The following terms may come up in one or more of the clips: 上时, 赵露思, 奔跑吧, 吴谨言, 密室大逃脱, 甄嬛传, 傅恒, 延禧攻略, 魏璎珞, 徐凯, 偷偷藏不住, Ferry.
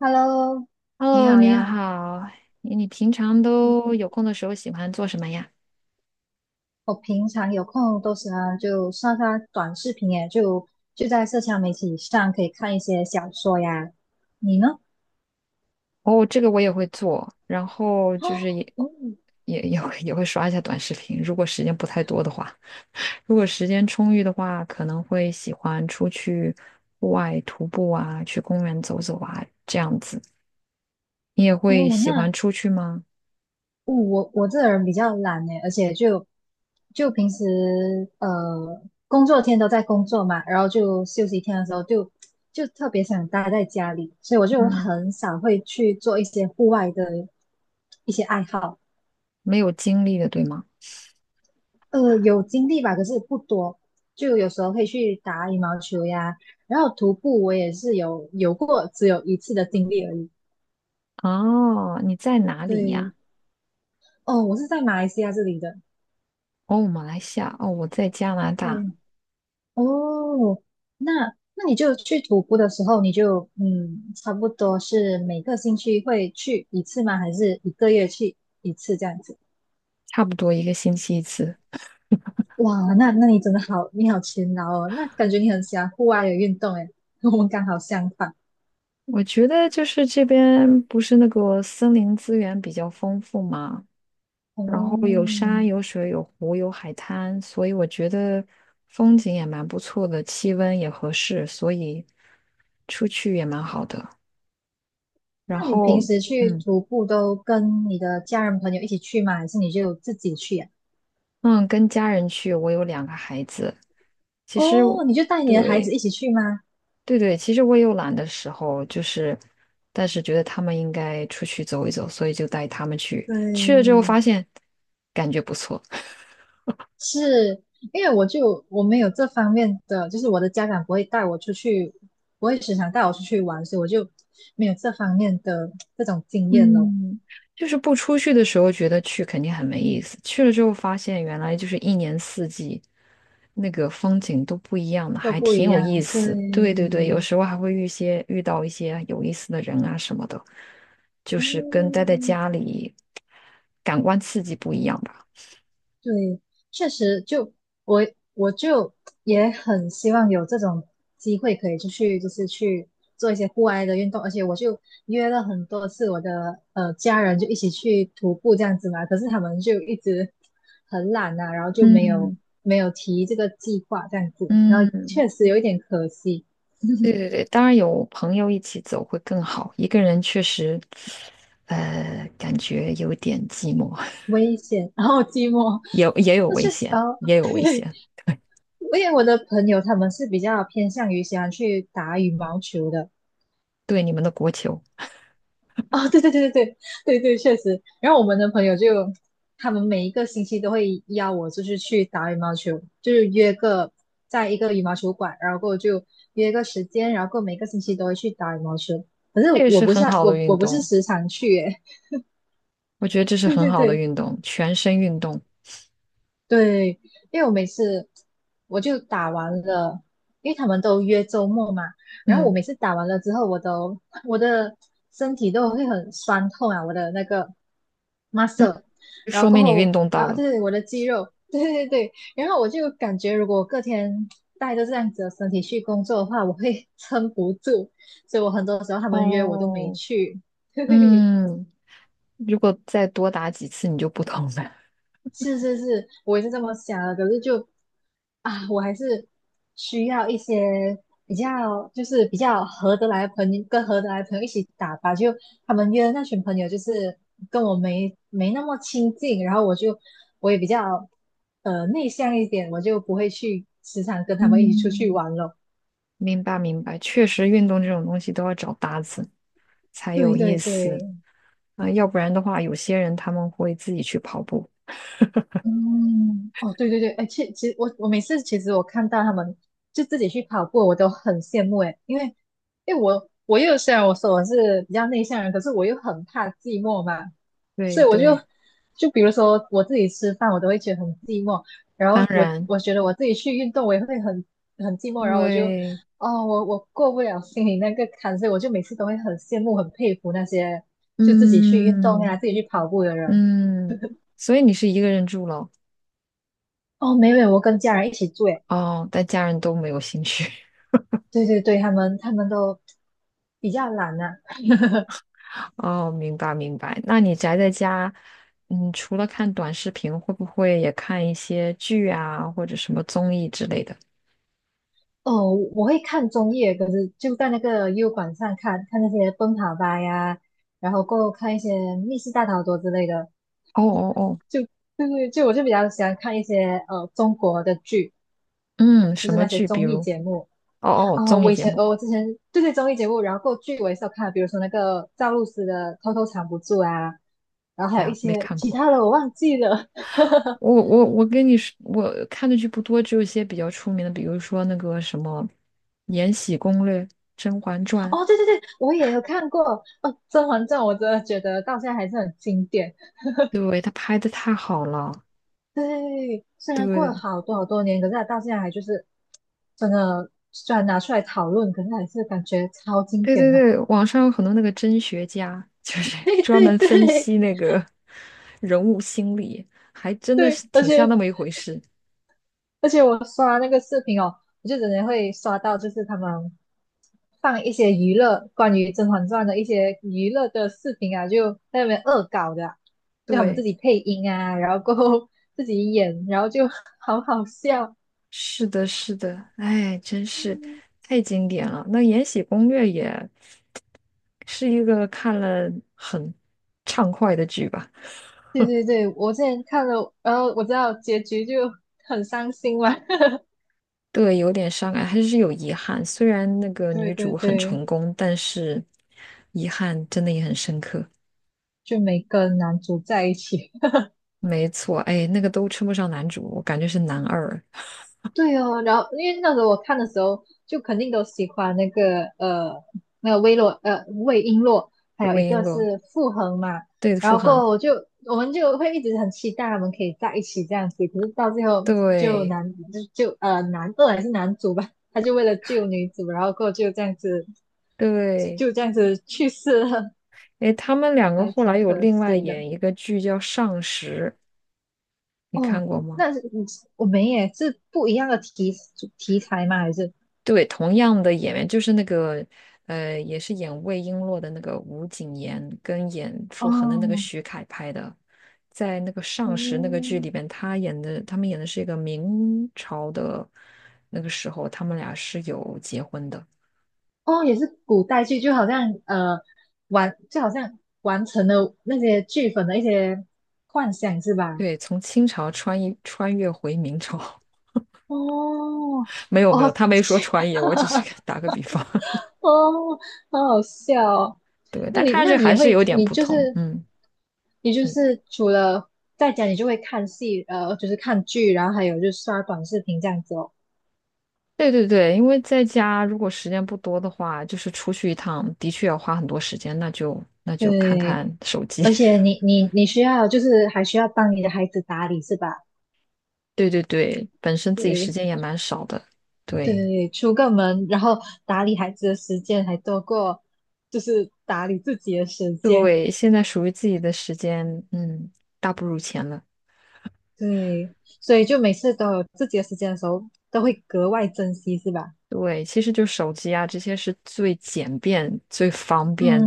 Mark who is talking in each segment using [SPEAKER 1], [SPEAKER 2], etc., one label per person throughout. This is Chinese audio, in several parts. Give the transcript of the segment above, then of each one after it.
[SPEAKER 1] Hello，你
[SPEAKER 2] Hello，
[SPEAKER 1] 好
[SPEAKER 2] 你
[SPEAKER 1] 呀。
[SPEAKER 2] 好，你平常都有空的时候喜欢做什么呀？
[SPEAKER 1] 我平常有空都喜欢就刷刷短视频耶，就在社交媒体上可以看一些小说呀。你呢？
[SPEAKER 2] 哦，这个我也会做，然后就
[SPEAKER 1] 哦
[SPEAKER 2] 是
[SPEAKER 1] 哦
[SPEAKER 2] 也会刷一下短视频，如果时间不太多的话，如果时间充裕的话，可能会喜欢出去户外徒步啊，去公园走走啊，这样子。你也会
[SPEAKER 1] 哦，
[SPEAKER 2] 喜欢
[SPEAKER 1] 那
[SPEAKER 2] 出去吗？
[SPEAKER 1] 哦我这人比较懒诶，而且就平时工作天都在工作嘛，然后就休息天的时候就特别想待在家里，所以我就
[SPEAKER 2] 嗯，
[SPEAKER 1] 很少会去做一些户外的一些爱好。
[SPEAKER 2] 没有精力的，对吗？
[SPEAKER 1] 呃，有经历吧，可是不多。就有时候会去打羽毛球呀，然后徒步我也是有过只有一次的经历而已。
[SPEAKER 2] 哦，你在哪里
[SPEAKER 1] 对，
[SPEAKER 2] 呀？
[SPEAKER 1] 哦，我是在马来西亚这里的。
[SPEAKER 2] 哦，马来西亚，哦，我在加拿
[SPEAKER 1] 对，
[SPEAKER 2] 大，
[SPEAKER 1] 哦，那那你就去徒步的时候，你就嗯，差不多是每个星期会去一次吗？还是一个月去一次这样子？
[SPEAKER 2] 差不多一个星期一次。
[SPEAKER 1] 哇，那你真的好，你好勤劳哦，那感觉你很喜欢户外的运动诶，跟我们刚好相反。
[SPEAKER 2] 我觉得就是这边不是那个森林资源比较丰富嘛，然后有
[SPEAKER 1] 哦，
[SPEAKER 2] 山有水有湖有海滩，所以我觉得风景也蛮不错的，气温也合适，所以出去也蛮好的。然
[SPEAKER 1] 那你平
[SPEAKER 2] 后，
[SPEAKER 1] 时去
[SPEAKER 2] 嗯
[SPEAKER 1] 徒步都跟你的家人朋友一起去吗？还是你就自己去呀、
[SPEAKER 2] 嗯，跟家人去，我有两个孩子，其实我
[SPEAKER 1] 哦，你就带你的孩子
[SPEAKER 2] 对
[SPEAKER 1] 一起去吗？
[SPEAKER 2] 对对，其实我也有懒的时候，就是但是觉得他们应该出去走一走，所以就带他们去，去了之后
[SPEAKER 1] 对，
[SPEAKER 2] 发现感觉不错。
[SPEAKER 1] 是因为我没有这方面的，就是我的家长不会带我出去，不会时常带我出去玩，所以我就没有这方面的这种经验咯，
[SPEAKER 2] 嗯，就是不出去的时候觉得去肯定很没意思，去了之后发现原来就是一年四季那个风景都不一样的，
[SPEAKER 1] 都
[SPEAKER 2] 还
[SPEAKER 1] 不
[SPEAKER 2] 挺
[SPEAKER 1] 一
[SPEAKER 2] 有意
[SPEAKER 1] 样。对，
[SPEAKER 2] 思。对对对，有时候还会遇些遇到一些有意思的人啊什么的，就是跟待在
[SPEAKER 1] 嗯。
[SPEAKER 2] 家里感官刺激不一样吧。
[SPEAKER 1] 对，确实就我我也很希望有这种机会可以出去，就是去做一些户外的运动，而且我就约了很多次我的家人就一起去徒步这样子嘛，可是他们就一直很懒呐、然后就没有
[SPEAKER 2] 嗯
[SPEAKER 1] 没有提这个计划这样子，然后
[SPEAKER 2] 嗯，
[SPEAKER 1] 确实有一点可惜，
[SPEAKER 2] 对对对，当然有朋友一起走会更好，一个人确实，感觉有点寂寞。
[SPEAKER 1] 危险，然后寂寞。
[SPEAKER 2] 也有
[SPEAKER 1] 那
[SPEAKER 2] 危
[SPEAKER 1] 确实，
[SPEAKER 2] 险，
[SPEAKER 1] 哦，
[SPEAKER 2] 也 有危
[SPEAKER 1] 对，
[SPEAKER 2] 险。
[SPEAKER 1] 因为我的朋友他们是比较偏向于喜欢去打羽毛球的，
[SPEAKER 2] 对你们的国球，
[SPEAKER 1] 哦，对对对对对对对，确实。然后我们的朋友就，他们每一个星期都会邀我，就是去打羽毛球，就是约个在一个羽毛球馆，然后过后就约个时间，然后过后每个星期都会去打羽毛球。可是
[SPEAKER 2] 这个
[SPEAKER 1] 我
[SPEAKER 2] 是
[SPEAKER 1] 不
[SPEAKER 2] 很
[SPEAKER 1] 是
[SPEAKER 2] 好的
[SPEAKER 1] 我
[SPEAKER 2] 运
[SPEAKER 1] 我不是
[SPEAKER 2] 动，
[SPEAKER 1] 时常去耶，
[SPEAKER 2] 我觉得这 是
[SPEAKER 1] 对
[SPEAKER 2] 很
[SPEAKER 1] 对
[SPEAKER 2] 好的
[SPEAKER 1] 对，
[SPEAKER 2] 运动，全身运动。
[SPEAKER 1] 对，因为我每次我打完了，因为他们都约周末嘛，然后我
[SPEAKER 2] 嗯
[SPEAKER 1] 每次打完了之后，我的身体都会很酸痛啊，我的那个
[SPEAKER 2] 嗯，
[SPEAKER 1] muscle，然
[SPEAKER 2] 说
[SPEAKER 1] 后过
[SPEAKER 2] 明你运
[SPEAKER 1] 后
[SPEAKER 2] 动到
[SPEAKER 1] 啊，
[SPEAKER 2] 了。
[SPEAKER 1] 对对，我的肌肉，对对对，然后我就感觉如果我隔天带着这样子的身体去工作的话，我会撑不住，所以我很多时候他们约我都没
[SPEAKER 2] 哦，
[SPEAKER 1] 去，嘿嘿嘿。
[SPEAKER 2] 嗯，如果再多打几次，你就不疼了。
[SPEAKER 1] 是是是，我也是这么想的。可是就啊，我还是需要一些比较，就是比较合得来的朋友，跟合得来的朋友一起打吧。就他们约的那群朋友，就是跟我没那么亲近，然后我也比较内向一点，我就不会去时常跟 他们一起出去
[SPEAKER 2] 嗯，
[SPEAKER 1] 玩了。
[SPEAKER 2] 明白明白，确实运动这种东西都要找搭子才
[SPEAKER 1] 对
[SPEAKER 2] 有意
[SPEAKER 1] 对
[SPEAKER 2] 思
[SPEAKER 1] 对，
[SPEAKER 2] 啊，要不然的话，有些人他们会自己去跑步。
[SPEAKER 1] 嗯，哦，对对对，哎，其实我每次其实我看到他们就自己去跑步，我都很羡慕哎，因为我又虽然我说我是比较内向人，可是我又很怕寂寞嘛，所
[SPEAKER 2] 对
[SPEAKER 1] 以我就
[SPEAKER 2] 对，
[SPEAKER 1] 就比如说我自己吃饭，我都会觉得很寂寞，然
[SPEAKER 2] 当
[SPEAKER 1] 后我
[SPEAKER 2] 然
[SPEAKER 1] 我觉得我自己去运动，我也会很寂寞，然后我就
[SPEAKER 2] 对，
[SPEAKER 1] 哦，我过不了心里那个坎，所以我就每次都会很羡慕、很佩服那些就自己去运动呀、
[SPEAKER 2] 嗯。
[SPEAKER 1] 自己去跑步的人。
[SPEAKER 2] 嗯，所以你是一个人住咯？
[SPEAKER 1] 哦，没有，我跟家人一起住诶。
[SPEAKER 2] 哦，但家人都没有兴趣。
[SPEAKER 1] 对对对，他们都比较懒呐、
[SPEAKER 2] 哦，明白明白。那你宅在家，嗯，除了看短视频，会不会也看一些剧啊，或者什么综艺之类的？
[SPEAKER 1] 哦，我会看综艺，可是就在那个优管上看看那些奔跑吧呀，然后过后看一些密室大逃脱之类的。
[SPEAKER 2] 哦哦哦，
[SPEAKER 1] 就对对，就我就比较喜欢看一些中国的剧，
[SPEAKER 2] 嗯，
[SPEAKER 1] 就
[SPEAKER 2] 什
[SPEAKER 1] 是
[SPEAKER 2] 么
[SPEAKER 1] 那些
[SPEAKER 2] 剧？比
[SPEAKER 1] 综艺
[SPEAKER 2] 如，
[SPEAKER 1] 节目
[SPEAKER 2] 哦哦，
[SPEAKER 1] 啊、
[SPEAKER 2] 综
[SPEAKER 1] 我
[SPEAKER 2] 艺
[SPEAKER 1] 以
[SPEAKER 2] 节
[SPEAKER 1] 前
[SPEAKER 2] 目。
[SPEAKER 1] 我之前对对综艺节目，然后过后剧我也是有看，比如说那个赵露思的《偷偷藏不住》啊，然后还
[SPEAKER 2] 哎
[SPEAKER 1] 有一
[SPEAKER 2] 呀，没
[SPEAKER 1] 些
[SPEAKER 2] 看
[SPEAKER 1] 其
[SPEAKER 2] 过。
[SPEAKER 1] 他的我忘记了。
[SPEAKER 2] 我跟你说，我看的剧不多，只有一些比较出名的，比如说那个什么《延禧攻略》《甄嬛传》，
[SPEAKER 1] 哦，对对对，我也有看过。哦，《甄嬛传》我真的觉得到现在还是很经典。
[SPEAKER 2] 对，不对？他拍的太好了。
[SPEAKER 1] 对，虽
[SPEAKER 2] 对
[SPEAKER 1] 然
[SPEAKER 2] 不
[SPEAKER 1] 过
[SPEAKER 2] 对，
[SPEAKER 1] 了好多好多年，可是它到现在还就是真的，虽然拿出来讨论，可是还是感觉超经
[SPEAKER 2] 对
[SPEAKER 1] 典
[SPEAKER 2] 对
[SPEAKER 1] 的。
[SPEAKER 2] 对，网上有很多那个真学家，就是
[SPEAKER 1] 对
[SPEAKER 2] 专
[SPEAKER 1] 对
[SPEAKER 2] 门分
[SPEAKER 1] 对
[SPEAKER 2] 析那个人物心理，还真的
[SPEAKER 1] 对，
[SPEAKER 2] 是
[SPEAKER 1] 而
[SPEAKER 2] 挺像
[SPEAKER 1] 且
[SPEAKER 2] 那么一回事。
[SPEAKER 1] 而且我刷那个视频哦，我就真的会刷到，就是他们放一些娱乐关于《甄嬛传》的一些娱乐的视频啊，就在那边恶搞的啊就他们自
[SPEAKER 2] 对，
[SPEAKER 1] 己配音啊，然后过后 自己演，然后就 好好笑。
[SPEAKER 2] 是的，是的，哎，真是太经典了。那《延禧攻略》也是一个看了很畅快的剧吧？
[SPEAKER 1] 对对对，我之前看了，然后我知道结局就很伤心嘛。
[SPEAKER 2] 对，有点伤感，还是有遗憾。虽然那个
[SPEAKER 1] 对
[SPEAKER 2] 女
[SPEAKER 1] 对
[SPEAKER 2] 主很
[SPEAKER 1] 对，
[SPEAKER 2] 成功，但是遗憾真的也很深刻。
[SPEAKER 1] 就没跟男主在一起。
[SPEAKER 2] 没错，哎，那个都称不上男主，我感觉是男二
[SPEAKER 1] 对哦，然后因为那时候我看的时候，就肯定都喜欢那个那个魏璎珞，还有一
[SPEAKER 2] 魏璎
[SPEAKER 1] 个
[SPEAKER 2] 珞。
[SPEAKER 1] 是傅恒嘛。
[SPEAKER 2] 对，
[SPEAKER 1] 然
[SPEAKER 2] 傅
[SPEAKER 1] 后过
[SPEAKER 2] 恒，
[SPEAKER 1] 后我们就会一直很期待他们可以在一起这样子，可是到最后就
[SPEAKER 2] 对
[SPEAKER 1] 男就就呃男二还是男主吧，他就为了救女主，然后过后
[SPEAKER 2] 对，
[SPEAKER 1] 就这样子去世了，
[SPEAKER 2] 哎，他们两个
[SPEAKER 1] 还
[SPEAKER 2] 后来
[SPEAKER 1] 挺
[SPEAKER 2] 有
[SPEAKER 1] 可
[SPEAKER 2] 另外
[SPEAKER 1] 惜的。
[SPEAKER 2] 演一个剧叫《上时》，你看
[SPEAKER 1] 哦，
[SPEAKER 2] 过吗？
[SPEAKER 1] 那是嗯我们也是不一样的题材吗？还是
[SPEAKER 2] 对，同样的演员，就是那个也是演魏璎珞的那个吴谨言，跟演傅恒的那个
[SPEAKER 1] 哦
[SPEAKER 2] 徐凯拍的，在那个《上时》那个剧
[SPEAKER 1] 哦，
[SPEAKER 2] 里边，他们演的是一个明朝的那个时候，他们俩是有结婚的。
[SPEAKER 1] 哦，也是古代剧，就好像就好像完成了那些剧粉的一些幻想，是吧？
[SPEAKER 2] 对，从清朝穿越回明朝，
[SPEAKER 1] 哦，
[SPEAKER 2] 没有没有，
[SPEAKER 1] 哦，
[SPEAKER 2] 他没说
[SPEAKER 1] 这
[SPEAKER 2] 穿越，我只是 打个比方。
[SPEAKER 1] 哦，好好笑哦。
[SPEAKER 2] 对，
[SPEAKER 1] 那
[SPEAKER 2] 但看
[SPEAKER 1] 你
[SPEAKER 2] 上
[SPEAKER 1] 那
[SPEAKER 2] 去
[SPEAKER 1] 你
[SPEAKER 2] 还
[SPEAKER 1] 也
[SPEAKER 2] 是
[SPEAKER 1] 会，
[SPEAKER 2] 有点
[SPEAKER 1] 你
[SPEAKER 2] 不
[SPEAKER 1] 就
[SPEAKER 2] 同。
[SPEAKER 1] 是
[SPEAKER 2] 嗯，
[SPEAKER 1] 你就
[SPEAKER 2] 你
[SPEAKER 1] 是除了在家，你就会看戏，就是看剧，然后还有就是刷短视频这样子哦。
[SPEAKER 2] 对对对，因为在家如果时间不多的话，就是出去一趟的确要花很多时间，那就看
[SPEAKER 1] 对，
[SPEAKER 2] 看手机。
[SPEAKER 1] 而且你需要就是还需要帮你的孩子打理，是吧？
[SPEAKER 2] 对对对，本身自己时
[SPEAKER 1] 对。
[SPEAKER 2] 间也蛮少的。对
[SPEAKER 1] 对，出个门，然后打理孩子的时间还多过就是打理自己的时间，
[SPEAKER 2] 对，现在属于自己的时间，嗯，大不如前了。
[SPEAKER 1] 对，所以就每次都有自己的时间的时候，都会格外珍惜，是吧？
[SPEAKER 2] 对，其实就手机啊，这些是最简便、最方便，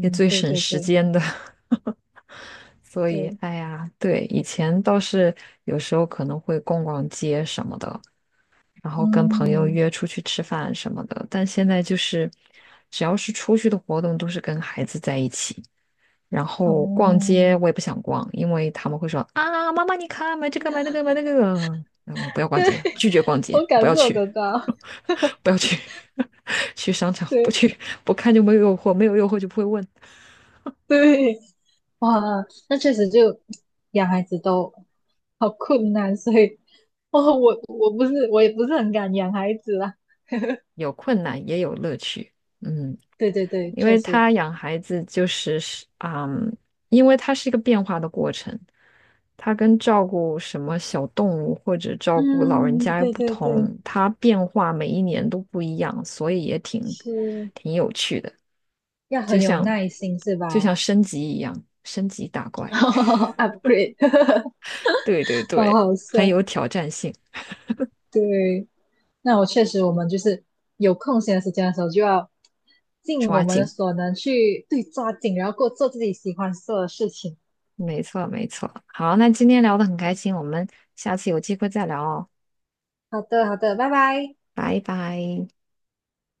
[SPEAKER 2] 也最
[SPEAKER 1] 对
[SPEAKER 2] 省
[SPEAKER 1] 对
[SPEAKER 2] 时
[SPEAKER 1] 对
[SPEAKER 2] 间的。所以，
[SPEAKER 1] 对，
[SPEAKER 2] 哎呀，对，以前倒是有时候可能会逛逛街什么的，然后跟朋友
[SPEAKER 1] 嗯，
[SPEAKER 2] 约出去吃饭什么的，但现在就是只要是出去的活动都是跟孩子在一起，然
[SPEAKER 1] 哦，
[SPEAKER 2] 后逛街我也不想逛，因为他们会说啊，妈妈你看买这个买那个，然后不要逛
[SPEAKER 1] 对，
[SPEAKER 2] 街，拒绝逛 街，
[SPEAKER 1] 我
[SPEAKER 2] 不
[SPEAKER 1] 感
[SPEAKER 2] 要
[SPEAKER 1] 受
[SPEAKER 2] 去，
[SPEAKER 1] 得到，
[SPEAKER 2] 不要去，去商场不
[SPEAKER 1] 对
[SPEAKER 2] 去，不看就没有诱惑，没有诱惑就不会问，
[SPEAKER 1] 对，哇，那确实就养孩子都好困难，所以哦，我也不是很敢养孩子啦，
[SPEAKER 2] 有困难也有乐趣，嗯。
[SPEAKER 1] 对对对，
[SPEAKER 2] 因
[SPEAKER 1] 确
[SPEAKER 2] 为
[SPEAKER 1] 实。
[SPEAKER 2] 他养孩子就是嗯，因为它是一个变化的过程，它跟照顾什么小动物或者照顾老人
[SPEAKER 1] 嗯，
[SPEAKER 2] 家又
[SPEAKER 1] 对
[SPEAKER 2] 不
[SPEAKER 1] 对
[SPEAKER 2] 同，
[SPEAKER 1] 对，
[SPEAKER 2] 它变化每一年都不一样，所以也挺
[SPEAKER 1] 是
[SPEAKER 2] 挺有趣的，
[SPEAKER 1] 要
[SPEAKER 2] 就
[SPEAKER 1] 很有
[SPEAKER 2] 像
[SPEAKER 1] 耐心是
[SPEAKER 2] 就像
[SPEAKER 1] 吧
[SPEAKER 2] 升级一样，升级打怪，
[SPEAKER 1] ？Upgrade，
[SPEAKER 2] 对对
[SPEAKER 1] 好
[SPEAKER 2] 对，
[SPEAKER 1] 好
[SPEAKER 2] 很有
[SPEAKER 1] 笑。
[SPEAKER 2] 挑战性，
[SPEAKER 1] 对，那我确实，我们就是有空闲的时间的时候，就要尽我
[SPEAKER 2] 抓
[SPEAKER 1] 们的
[SPEAKER 2] 紧，
[SPEAKER 1] 所能去抓紧，然后过做自己喜欢做的事情。
[SPEAKER 2] 没错没错。好，那今天聊的很开心，我们下次有机会再聊哦，
[SPEAKER 1] 好的，好的，拜拜。
[SPEAKER 2] 拜拜。